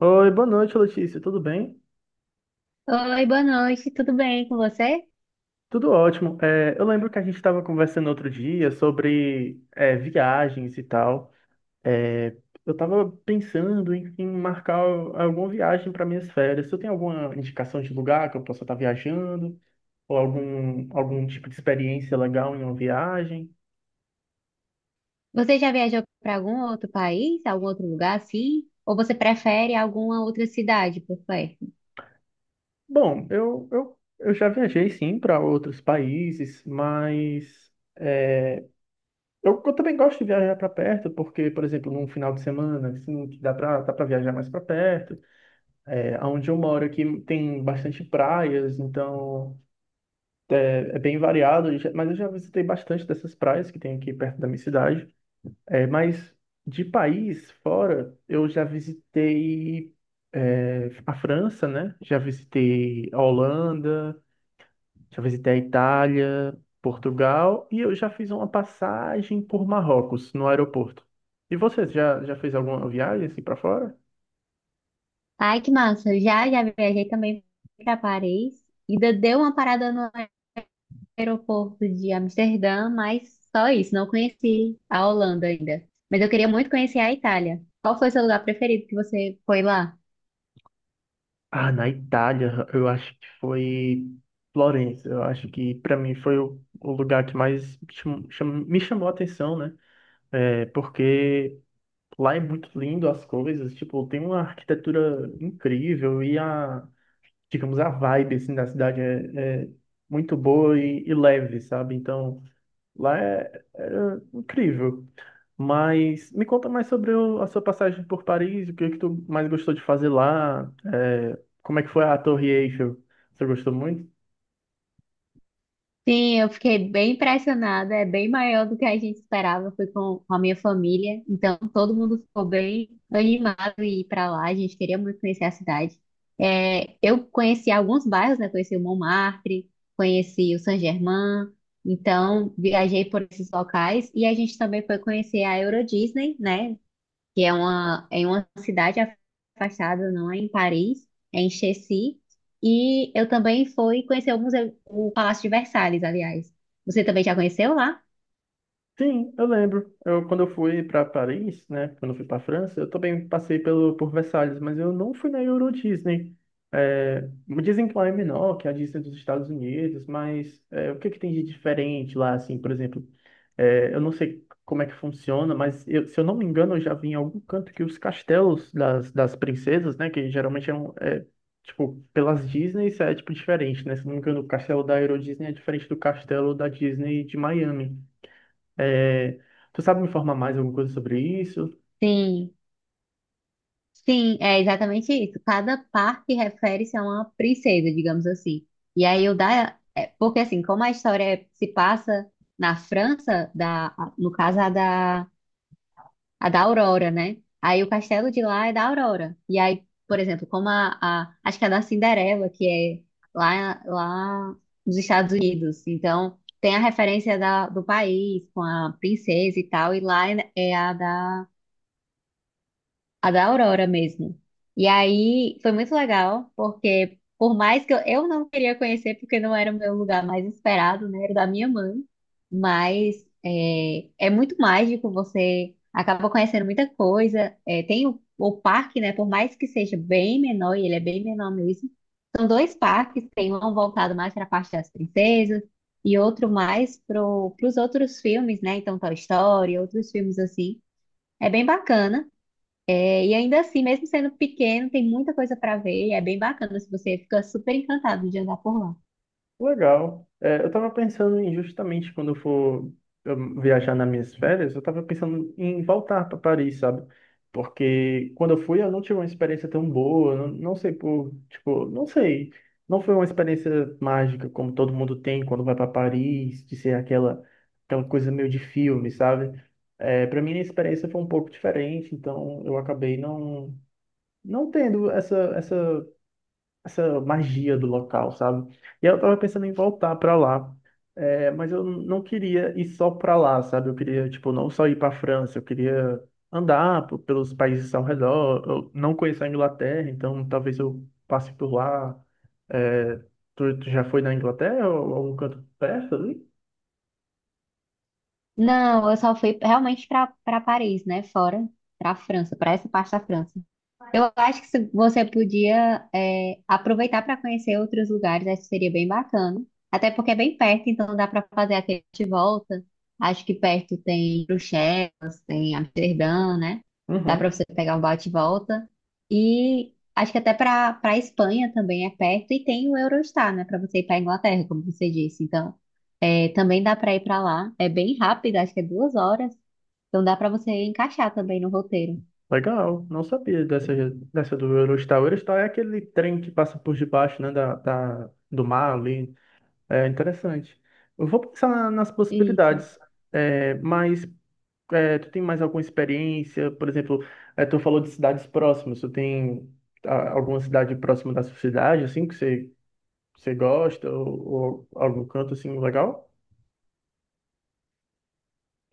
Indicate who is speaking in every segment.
Speaker 1: Oi, boa noite, Letícia. Tudo bem?
Speaker 2: Oi, boa noite, tudo bem com você?
Speaker 1: Tudo ótimo. Eu lembro que a gente estava conversando outro dia sobre viagens e tal. É, eu estava pensando em marcar alguma viagem para minhas férias. Você tem alguma indicação de lugar que eu possa estar viajando? Ou algum tipo de experiência legal em uma viagem?
Speaker 2: Você já viajou para algum outro país, algum outro lugar assim? Ou você prefere alguma outra cidade por perto?
Speaker 1: Bom, eu já viajei, sim, para outros países, mas. Eu também gosto de viajar para perto, porque, por exemplo, num final de semana, assim, que dá para viajar mais para perto. É, onde eu moro aqui tem bastante praias, então é bem variado, mas eu já visitei bastante dessas praias que tem aqui perto da minha cidade. É, mas de país fora, eu já visitei a França, né? Já visitei a Holanda, já visitei a Itália, Portugal, e eu já fiz uma passagem por Marrocos no aeroporto. E você já fez alguma viagem assim para fora?
Speaker 2: Ai, que massa! Já viajei também para Paris. Ainda dei uma parada no aeroporto de Amsterdã, mas só isso, não conheci a Holanda ainda. Mas eu queria muito conhecer a Itália. Qual foi o seu lugar preferido que você foi lá?
Speaker 1: Ah, na Itália, eu acho que foi Florença. Eu acho que para mim foi o lugar que mais me chamou a atenção, né? É, porque lá é muito lindo as coisas, tipo, tem uma arquitetura incrível e a, digamos, a vibe assim da cidade é muito boa e leve, sabe? Então lá era incrível. Mas me conta mais sobre a sua passagem por Paris, o que é que tu mais gostou de fazer lá, é, como é que foi a Torre Eiffel? Você gostou muito?
Speaker 2: Sim, eu fiquei bem impressionada. É bem maior do que a gente esperava. Fui com a minha família, então todo mundo ficou bem animado em ir para lá. A gente queria muito conhecer a cidade. É, eu conheci alguns bairros, né? Conheci o Montmartre, conheci o Saint-Germain. Então viajei por esses locais e a gente também foi conhecer a Euro Disney, né? Que é uma, é em uma cidade afastada, não é em Paris, é em Chessy. E eu também fui conhecer o museu, o Palácio de Versalhes, aliás. Você também já conheceu lá?
Speaker 1: Sim, eu lembro. Eu, quando eu fui para Paris, né, quando eu fui para França, eu também passei pelo, por Versalhes, mas eu não fui na Euro Disney. É, me dizem que lá é menor que a Disney dos Estados Unidos, mas é, o que é que tem de diferente lá, assim, por exemplo? Eu não sei como é que funciona, mas se eu não me engano, eu já vi em algum canto que os castelos das princesas, né, que geralmente eram, é, tipo, pelas Disney, isso é, tipo, diferente, né? Se eu não me engano, o castelo da Euro Disney é diferente do castelo da Disney de Miami. É, tu sabe me informar mais alguma coisa sobre isso?
Speaker 2: Sim, sim, é exatamente isso. Cada parque refere-se a uma princesa, digamos assim. E aí o da, é, porque assim, como a história se passa na França, da, no caso a da Aurora, né? Aí o castelo de lá é da Aurora. E aí, por exemplo, como a acho que é da Cinderela, que é lá nos Estados Unidos. Então, tem a referência da, do país com a princesa e tal, e lá é a da Aurora mesmo. E aí foi muito legal, porque por mais que eu não queria conhecer, porque não era o meu lugar mais esperado, né? Era da minha mãe. Mas é, é muito mágico, você acaba conhecendo muita coisa. É, tem o parque, né? Por mais que seja bem menor, e ele é bem menor mesmo. São dois parques, tem um voltado mais para a parte das princesas e outro mais para os outros filmes, né? Então, Toy Story, outros filmes assim. É bem bacana. É, e ainda assim, mesmo sendo pequeno, tem muita coisa para ver. É bem bacana, se você fica super encantado de andar por lá.
Speaker 1: Legal. É, eu tava pensando em justamente quando eu for, viajar nas minhas férias, eu tava pensando em voltar para Paris, sabe? Porque quando eu fui, eu não tive uma experiência tão boa, não, não sei por, tipo, não sei, não foi uma experiência mágica como todo mundo tem quando vai para Paris, de ser aquela coisa meio de filme, sabe? É, para mim a experiência foi um pouco diferente, então eu acabei não tendo essa magia do local, sabe? E eu tava pensando em voltar pra lá, é, mas eu não queria ir só pra lá, sabe? Eu queria, tipo, não só ir pra França, eu queria andar pelos países ao redor. Eu não conheço a Inglaterra, então talvez eu passe por lá. É, tu já foi na Inglaterra ou algum canto perto ali?
Speaker 2: Não, eu só fui realmente para Paris, né? Fora, para a França, para essa parte da França. Eu acho que se você podia é, aproveitar para conhecer outros lugares, acho que seria bem bacana. Até porque é bem perto, então dá para fazer aquele de volta. Acho que perto tem Bruxelas, tem Amsterdã, né? Dá para
Speaker 1: Uhum.
Speaker 2: você pegar um bate e volta. E acho que até para Espanha também é perto e tem o Eurostar, né? Para você ir para Inglaterra, como você disse. Então é, também dá para ir para lá. É bem rápido, acho que é 2 horas. Então dá para você encaixar também no roteiro.
Speaker 1: Legal, não sabia dessa do Eurostar. O Eurostar é aquele trem que passa por debaixo, né, do mar ali. É interessante. Eu vou pensar nas
Speaker 2: Isso.
Speaker 1: possibilidades, é, mas é, tu tem mais alguma experiência? Por exemplo, é, tu falou de cidades próximas. Tu tem, ah, alguma cidade próxima da sua cidade, assim, que você, você gosta ou algum canto assim legal?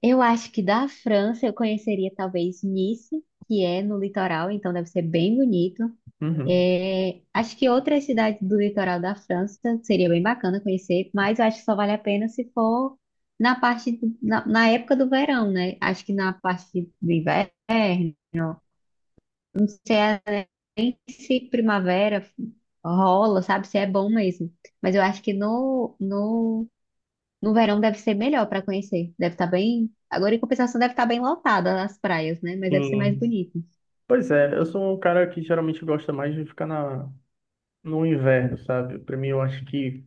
Speaker 2: Eu acho que da França eu conheceria talvez Nice, que é no litoral, então deve ser bem bonito.
Speaker 1: Uhum.
Speaker 2: É, acho que outras cidades do litoral da França seria bem bacana conhecer, mas eu acho que só vale a pena se for na parte do- na, na época do verão, né? Acho que na parte do inverno, se primavera rola, sabe? Se é bom mesmo. Mas eu acho que no verão deve ser melhor para conhecer. Deve estar bem. Agora, em compensação, deve estar bem lotada as praias, né? Mas deve ser mais
Speaker 1: Sim.
Speaker 2: bonito.
Speaker 1: Pois é, eu sou um cara que geralmente gosta mais de ficar no inverno, sabe? Para mim, eu acho que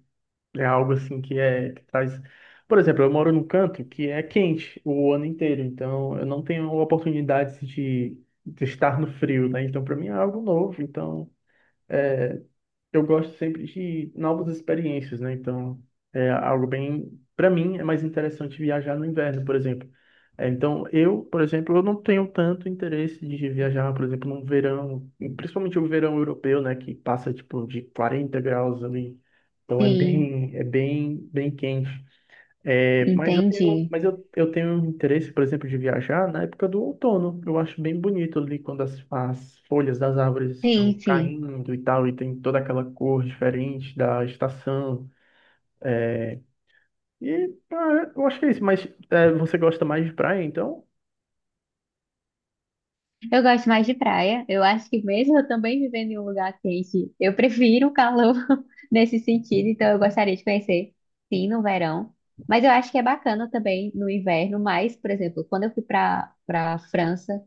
Speaker 1: é algo assim que é que traz. Por exemplo, eu moro num canto que é quente o ano inteiro, então eu não tenho oportunidades de estar no frio, né? Então para mim é algo novo, então eu gosto sempre de novas experiências, né? Então, é algo bem, para mim, é mais interessante viajar no inverno, por exemplo. É, então, eu, por exemplo, eu não tenho tanto interesse de viajar, por exemplo, no verão, principalmente o verão europeu, né, que passa tipo de 40 graus ali. Então
Speaker 2: Sim,
Speaker 1: é bem, bem quente. É, mas eu tenho,
Speaker 2: entendi.
Speaker 1: mas eu tenho um interesse, por exemplo, de viajar na época do outono. Eu acho bem bonito ali quando as folhas das árvores estão
Speaker 2: Sim, sim.
Speaker 1: caindo e tal, e tem toda aquela cor diferente da estação. E, ah, eu acho que é isso. Mas é, você gosta mais de praia, então?
Speaker 2: Eu gosto mais de praia. Eu acho que mesmo eu também vivendo em um lugar quente, eu prefiro o calor nesse sentido. Então eu gostaria de conhecer, sim, no verão. Mas eu acho que é bacana também no inverno. Mas, por exemplo, quando eu fui para França,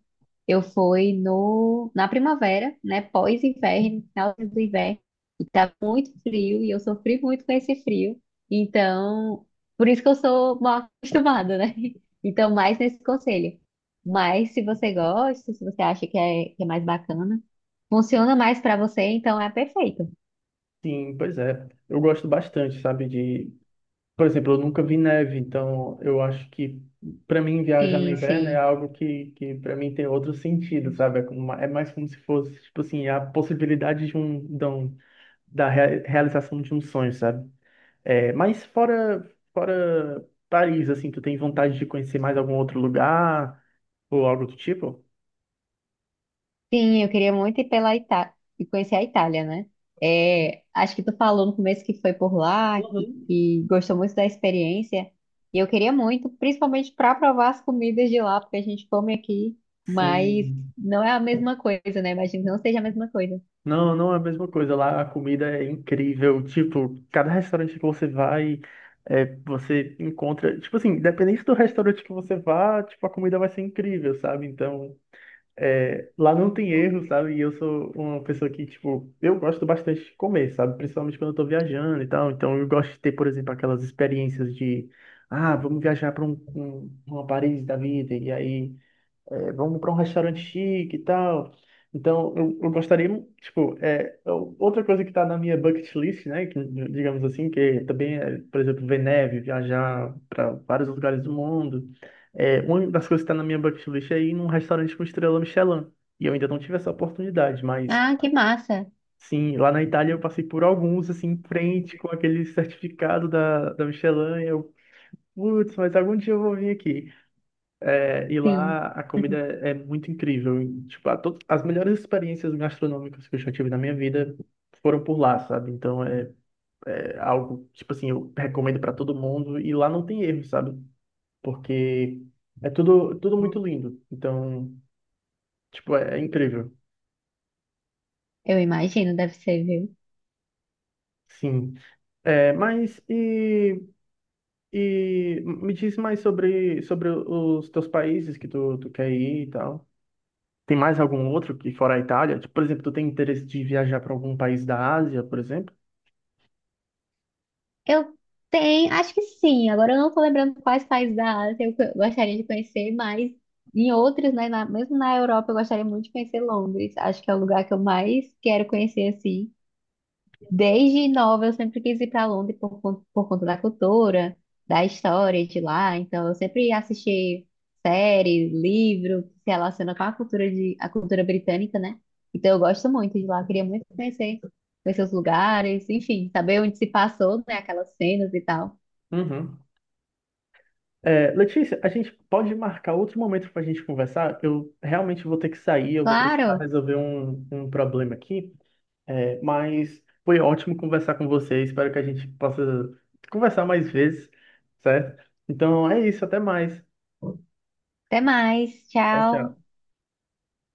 Speaker 2: eu fui no na primavera, né? Pós-inverno, final do inverno. E tá muito frio e eu sofri muito com esse frio. Então, por isso que eu sou mal acostumada, né? Então, mais nesse conselho. Mas se você gosta, se você acha que é mais bacana, funciona mais para você, então é perfeito.
Speaker 1: Sim, pois é. Eu gosto bastante, sabe, de, por exemplo, eu nunca vi neve, então eu acho que para mim viajar no
Speaker 2: Sim,
Speaker 1: inverno é
Speaker 2: sim.
Speaker 1: algo que para mim tem outro sentido, sabe? É, é mais como se fosse, tipo assim, a possibilidade de um, da realização de um sonho, sabe? É, mas fora, fora Paris, assim, tu tem vontade de conhecer mais algum outro lugar ou algo do tipo?
Speaker 2: Sim, eu queria muito ir pela Itália e conhecer a Itália, né? É, acho que tu falou no começo que foi por lá,
Speaker 1: Uhum.
Speaker 2: que gostou muito da experiência. E eu queria muito, principalmente para provar as comidas de lá, porque a gente come aqui, mas
Speaker 1: Sim.
Speaker 2: não é a mesma coisa, né? Imagino que não seja a mesma coisa.
Speaker 1: Não, não é a mesma coisa. Lá a comida é incrível. Tipo, cada restaurante que você vai, é, você encontra. Tipo assim, independente do restaurante que você vá, tipo, a comida vai ser incrível, sabe? Então, é, lá não tem erro, sabe? E eu sou uma pessoa que, tipo, eu gosto bastante de comer, sabe? Principalmente quando eu tô viajando e tal. Então, eu gosto de ter, por exemplo, aquelas experiências de, ah, vamos viajar para um, um, uma Paris da vida. E aí é, vamos para um restaurante chique e tal. Então, eu gostaria, tipo, é, outra coisa que está na minha bucket list, né, que, digamos assim, que também é, por exemplo, ver neve, viajar para vários lugares do mundo. É, uma das coisas que está na minha bucket list é ir num restaurante com estrela Michelin. E eu ainda não tive essa oportunidade, mas
Speaker 2: Ah, que massa!
Speaker 1: sim, lá na Itália eu passei por alguns, assim, em frente com aquele certificado da Michelin. E eu, putz, mas algum dia eu vou vir aqui. É, e
Speaker 2: Sim.
Speaker 1: lá a comida é muito incrível. E tipo, as melhores experiências gastronômicas que eu já tive na minha vida foram por lá, sabe? Então é, é algo, tipo assim, eu recomendo para todo mundo. E lá não tem erro, sabe? Porque é tudo, tudo muito lindo. Então, tipo, é, é incrível.
Speaker 2: Eu imagino, deve ser, viu?
Speaker 1: Sim. É, mas e me diz mais sobre, sobre os teus países que tu quer ir e tal. Tem mais algum outro que fora a Itália? Tipo, por exemplo, tu tem interesse de viajar para algum país da Ásia, por exemplo?
Speaker 2: Eu tenho, acho que sim. Agora eu não tô lembrando quais países da Ásia eu co- gostaria de conhecer, mas em outros, né, na- mesmo na Europa, eu gostaria muito de conhecer Londres. Acho que é o lugar que eu mais quero conhecer, assim. Desde nova eu sempre quis ir para Londres por, con- por conta da cultura, da história de lá. Então eu sempre assisti séries, livro que se relaciona com a cultura de a cultura britânica, né? Então eu gosto muito de lá, queria muito conhecer, conhecer os lugares, enfim, saber onde se passou, né, aquelas cenas e tal.
Speaker 1: Uhum. É, Letícia, a gente pode marcar outro momento para a gente conversar? Eu realmente vou ter que sair, eu vou precisar
Speaker 2: Claro.
Speaker 1: resolver um problema aqui. É, mas foi ótimo conversar com você. Espero que a gente possa conversar mais vezes, certo? Então é isso, até mais.
Speaker 2: Até mais.
Speaker 1: Tchau,
Speaker 2: Tchau.
Speaker 1: tchau.